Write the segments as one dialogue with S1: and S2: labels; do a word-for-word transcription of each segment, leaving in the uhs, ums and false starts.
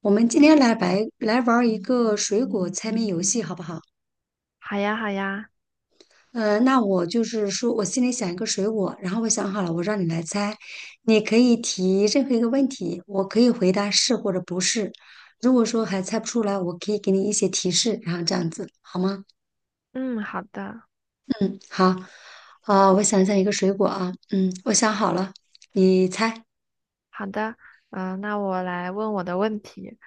S1: 我们今天来白来玩儿一个水果猜谜游戏，好不好？
S2: 好呀，好呀，
S1: 呃，那我就是说我心里想一个水果，然后我想好了，我让你来猜，你可以提任何一个问题，我可以回答是或者不是。如果说还猜不出来，我可以给你一些提示，然后这样子好吗？
S2: 嗯，好的，
S1: 嗯，好。啊、我想想一个水果啊，嗯，我想好了，你猜
S2: 好的，嗯、那我来问我的问题。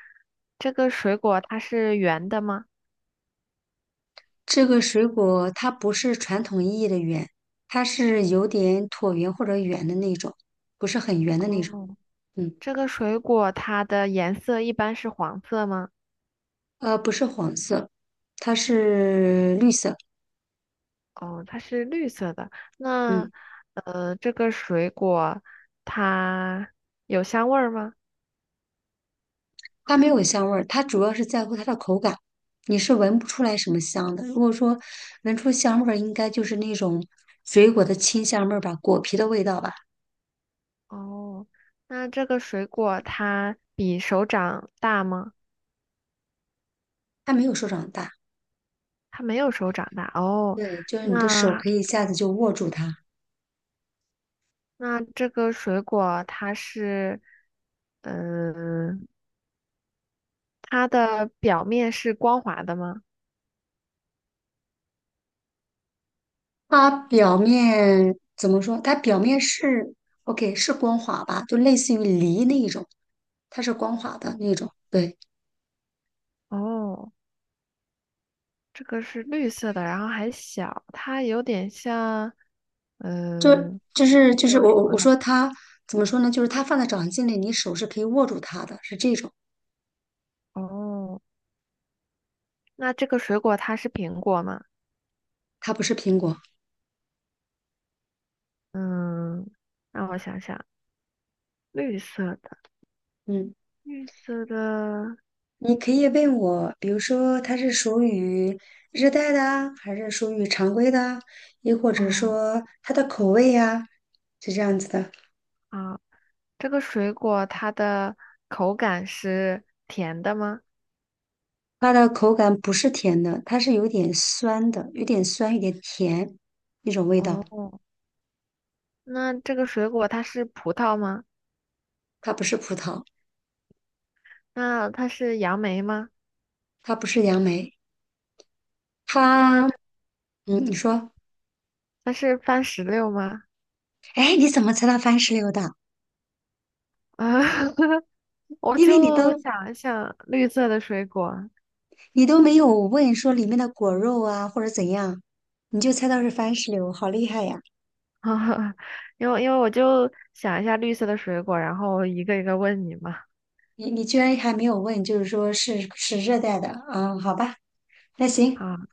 S2: 这个水果它是圆的吗？
S1: 这个水果它不是传统意义的圆，它是有点椭圆或者圆的那种，不是很圆的那种。
S2: 哦，
S1: 嗯，
S2: 这个水果它的颜色一般是黄色吗？
S1: 呃，不是黄色，它是绿色。
S2: 哦，它是绿色的。那，
S1: 嗯，
S2: 呃，这个水果它有香味儿吗？
S1: 它没有香味儿，它主要是在乎它的口感，你是闻不出来什么香的。如果说闻出香味儿，应该就是那种水果的清香味儿吧，果皮的味道吧。
S2: 哦，那这个水果它比手掌大吗？
S1: 它没有手掌大，
S2: 它没有手掌大。哦，
S1: 对，就是你的手
S2: 那
S1: 可以一下子就握住它。
S2: 那这个水果它是嗯，它的表面是光滑的吗？
S1: 它表面怎么说？它表面是 OK,是光滑吧，就类似于梨那一种，它是光滑的那种。对。
S2: 哦，这个是绿色的，然后还小，它有点像，嗯，
S1: 就是
S2: 一
S1: 就是
S2: 个
S1: 我
S2: 什
S1: 我
S2: 么
S1: 我
S2: 来？
S1: 说它怎么说呢？就是它放在掌心里，你手是可以握住它的，是这种。
S2: 哦，那这个水果它是苹果吗？
S1: 它不是苹果。
S2: 嗯，让我想想，绿色的，
S1: 嗯，
S2: 绿色的，
S1: 你可以问我，比如说它是属于热带的啊还是属于常规的啊，又或者
S2: 哦，
S1: 说它的口味呀、是这样子的。
S2: 啊，这个水果它的口感是甜的吗？
S1: 它的口感不是甜的，它是有点酸的，有点酸，有点甜那种味道。
S2: 哦，那这个水果它是葡萄吗？
S1: 它不是葡萄，
S2: 那它是杨梅吗？
S1: 它不是杨梅，
S2: 那
S1: 它嗯，你说，
S2: 它是番石榴吗？
S1: 哎，你怎么知道番石榴的？
S2: 啊，我
S1: 因为你
S2: 就
S1: 都。
S2: 想一想绿色的水果，
S1: 你都没有问说里面的果肉啊或者怎样，你就猜到是番石榴，好厉害呀！
S2: 因为因为我就想一下绿色的水果，然后一个一个问你嘛。
S1: 你你居然还没有问，就是说是是热带的，啊，好吧，那行，
S2: 啊，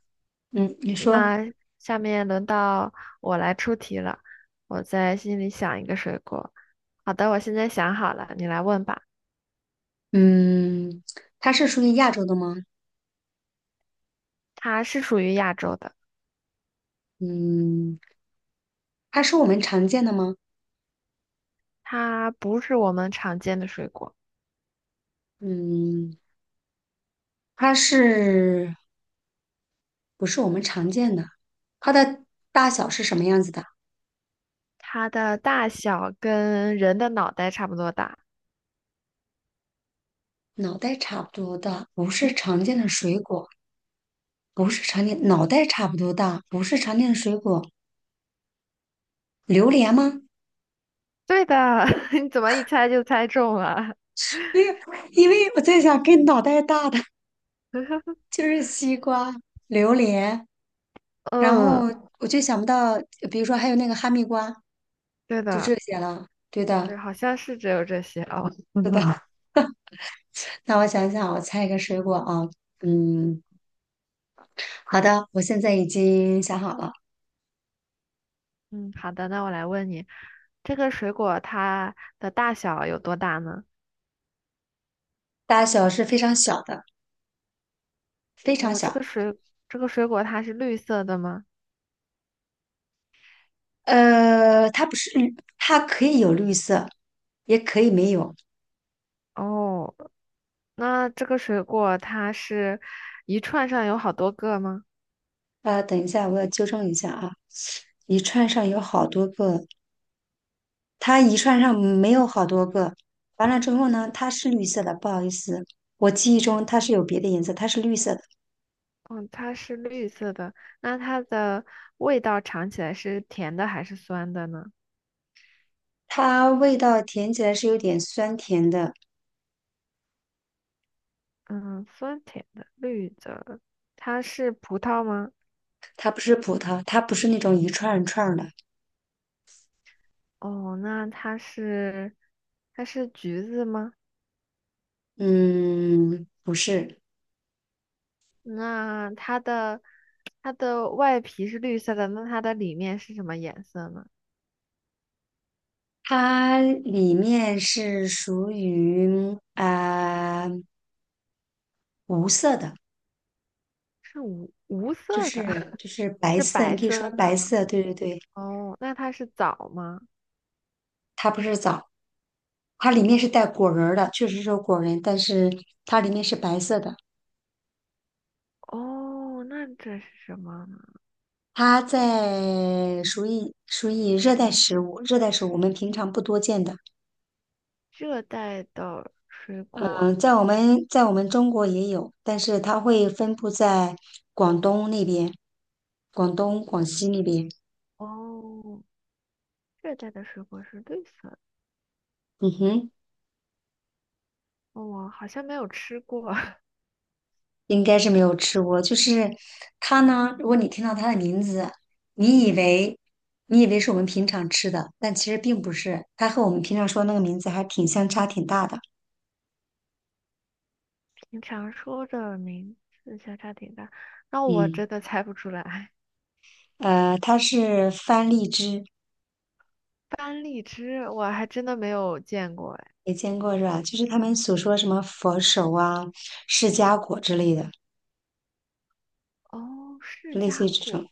S1: 嗯，你说，
S2: 那下面轮到我来出题了，我在心里想一个水果。好的，我现在想好了，你来问吧。
S1: 嗯，它是属于亚洲的吗？
S2: 它是属于亚洲的，
S1: 嗯，它是我们常见的吗？
S2: 它不是我们常见的水果，
S1: 嗯，它是不是我们常见的？它的大小是什么样子的？
S2: 它的大小跟人的脑袋差不多大。
S1: 脑袋差不多大，不是常见的水果，不是常见，脑袋差不多大，不是常见的水果。榴莲吗？
S2: 对的，你怎么一猜就猜中了？
S1: 没有，因为我在想跟脑袋大的 就是西瓜、榴莲，然后
S2: 嗯，
S1: 我就想不到，比如说还有那个哈密瓜，
S2: 对
S1: 就
S2: 的，
S1: 这些了。对
S2: 对，
S1: 的，
S2: 好像是只有这些哦。
S1: 对的。那我想想，我猜一个水果啊，嗯，好的，我现在已经想好了，
S2: 嗯，好的，那我来问你，这个水果它的大小有多大呢？
S1: 大小是非常小的，非常
S2: 哦，这
S1: 小。
S2: 个水这个水果它是绿色的吗？
S1: 呃，它不是绿，它可以有绿色，也可以没有。
S2: 哦，那这个水果它是一串上有好多个吗？
S1: 呃，等一下，我要纠正一下啊。一串上有好多个，它一串上没有好多个。完了之后呢，它是绿色的，不好意思，我记忆中它是有别的颜色，它是绿色的。
S2: 嗯，它是绿色的，那它的味道尝起来是甜的还是酸的呢？
S1: 它味道甜起来是有点酸甜的，
S2: 嗯，酸甜的，绿的，它是葡萄吗？
S1: 它不是葡萄，它不是那种一串儿一串儿的，
S2: 哦，那它是它是橘子吗？
S1: 嗯，不是，
S2: 那它的它的外皮是绿色的，那它的里面是什么颜色呢？
S1: 它里面是属于啊、呃无色的，
S2: 是无无
S1: 就
S2: 色的，
S1: 是 就是白
S2: 是
S1: 色，你
S2: 白
S1: 可以说
S2: 色的
S1: 白
S2: 吗？
S1: 色，对对对，
S2: 哦，那它是枣吗？
S1: 它不是枣，它里面是带果仁儿的，确实是有果仁，但是它里面是白色的。
S2: 哦，那这是什么呢？
S1: 它在属于属于热带食物，热带食物我们平常不多见的。
S2: 热带的水果。
S1: 嗯，在我们在我们中国也有，但是它会分布在广东那边，广东、广西那边。
S2: 哦，热带的水果是绿色的。
S1: 嗯哼，
S2: 哦，我好像没有吃过。
S1: 应该是没有吃过。就是它呢，如果你听到它的名字，你以为你以为是我们平常吃的，但其实并不是。它和我们平常说的那个名字还挺相差挺大的。
S2: 你常说的名字相差挺大，那我
S1: 嗯，
S2: 真的猜不出来。
S1: 呃，它是番荔枝。
S2: 班荔枝我还真的没有见过哎。
S1: 也见过是吧？就是他们所说什么佛手啊、释迦果之类的，
S2: 哦，释
S1: 类似于
S2: 迦
S1: 这种。
S2: 果，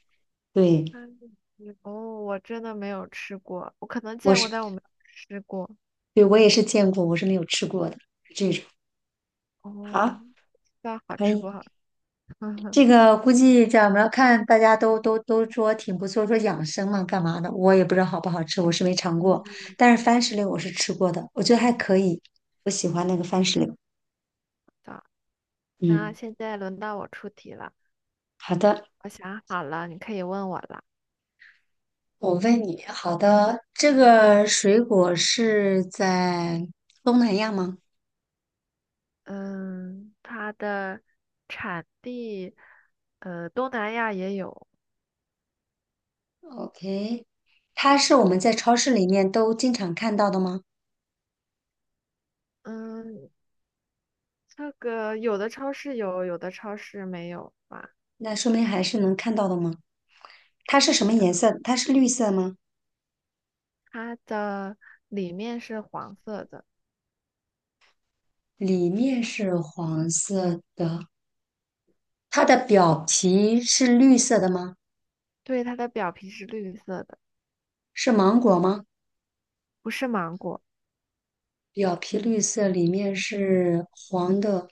S1: 对，
S2: 班荔枝，哦，我真的没有吃过，我可能
S1: 我
S2: 见过，
S1: 是，
S2: 但我没有吃过。
S1: 对，我也是见过，我是没有吃过的这种。好，
S2: 哦，不知道好
S1: 可
S2: 吃
S1: 以，
S2: 不好吃。
S1: 这个估计这样，我们要看大家都都都说挺不错，说养生嘛，干嘛的？我也不知道好不好吃，我是没尝过，
S2: 嗯，
S1: 但是番石榴我是吃过的，我觉得还可以，我喜欢那个番石榴。
S2: 好，那
S1: 嗯，
S2: 现在轮到我出题了，
S1: 好的，
S2: 我想好了，你可以问我了。
S1: 我问你，好的，这个水果是在东南亚吗？
S2: 嗯，它的产地，呃，东南亚也有。
S1: OK,它是我们在超市里面都经常看到的吗？
S2: 嗯，这个有的超市有，有的超市没有吧？
S1: 那说明还是能看到的吗？它是什
S2: 对
S1: 么
S2: 的，
S1: 颜色？它是绿色吗？
S2: 它的里面是黄色的，
S1: 里面是黄色的，它的表皮是绿色的吗？
S2: 对，它的表皮是绿色的，
S1: 是芒果吗？
S2: 不是芒果，
S1: 表皮绿色，里面是黄的，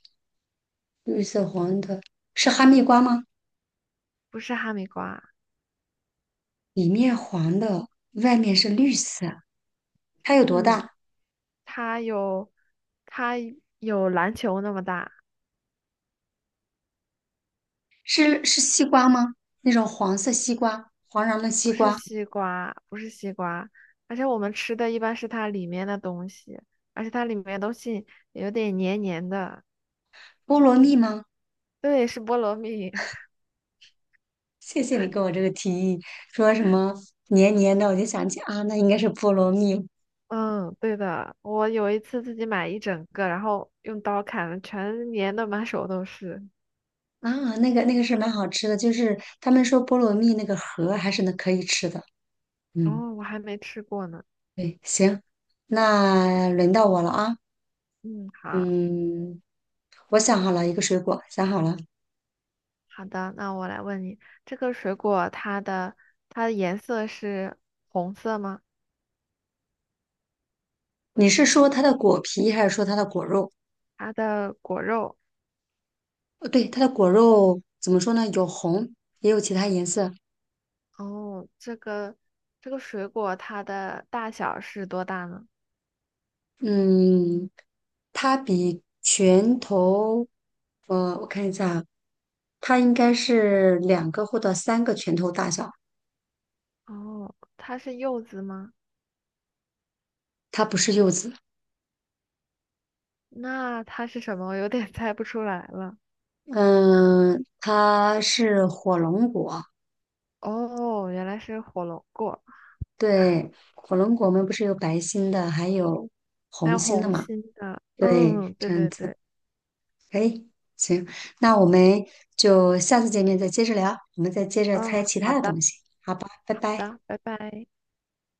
S1: 绿色黄的，是哈密瓜吗？
S2: 不是哈密瓜，
S1: 里面黄的，外面是绿色，它有多
S2: 嗯，
S1: 大？
S2: 它有，它有篮球那么大，
S1: 是是西瓜吗？那种黄色西瓜，黄瓤的
S2: 不
S1: 西
S2: 是
S1: 瓜，
S2: 西瓜，不是西瓜，而且我们吃的一般是它里面的东西，而且它里面的东西有点黏黏的，
S1: 菠萝蜜吗？
S2: 对，是菠萝蜜，
S1: 谢谢你给我这个提议，说什么黏黏的，我就想起啊，那应该是菠萝蜜
S2: 嗯，对的，我有一次自己买一整个，然后用刀砍了，全粘的满手都是。
S1: 啊，那个那个是蛮好吃的，就是他们说菠萝蜜那个核还是那可以吃的。嗯，
S2: 哦，我还没吃过呢。
S1: 对，行，那轮到我了啊。
S2: 嗯，好
S1: 嗯，我想好了一个水果，想好了，
S2: 好的，那我来问你，这个水果它的它的颜色是红色吗？
S1: 你是说它的果皮还是说它的果肉？
S2: 它的果肉，
S1: 呃对，它的果肉怎么说呢？有红，也有其他颜色。
S2: 哦，这个这个水果它的大小是多大呢？
S1: 嗯，它比拳头，呃，我看一下啊它应该是两个或者三个拳头大小。
S2: 哦，它是柚子吗？
S1: 它不是柚子，
S2: 那它是什么？我有点 猜不出来了。
S1: 嗯，它是火龙果。
S2: 哦，原来是火龙果。
S1: 对，火龙果我们不是有白心的，还有
S2: 还
S1: 红
S2: 有
S1: 心的
S2: 红
S1: 嘛？
S2: 心的，
S1: 对，
S2: 嗯，对
S1: 这样
S2: 对
S1: 子，
S2: 对，
S1: 哎，行，那我们就下次见面再接着聊，我们再接着猜
S2: 嗯，
S1: 其他
S2: 好
S1: 的
S2: 的，好
S1: 东西，好吧，拜拜。
S2: 的，拜拜。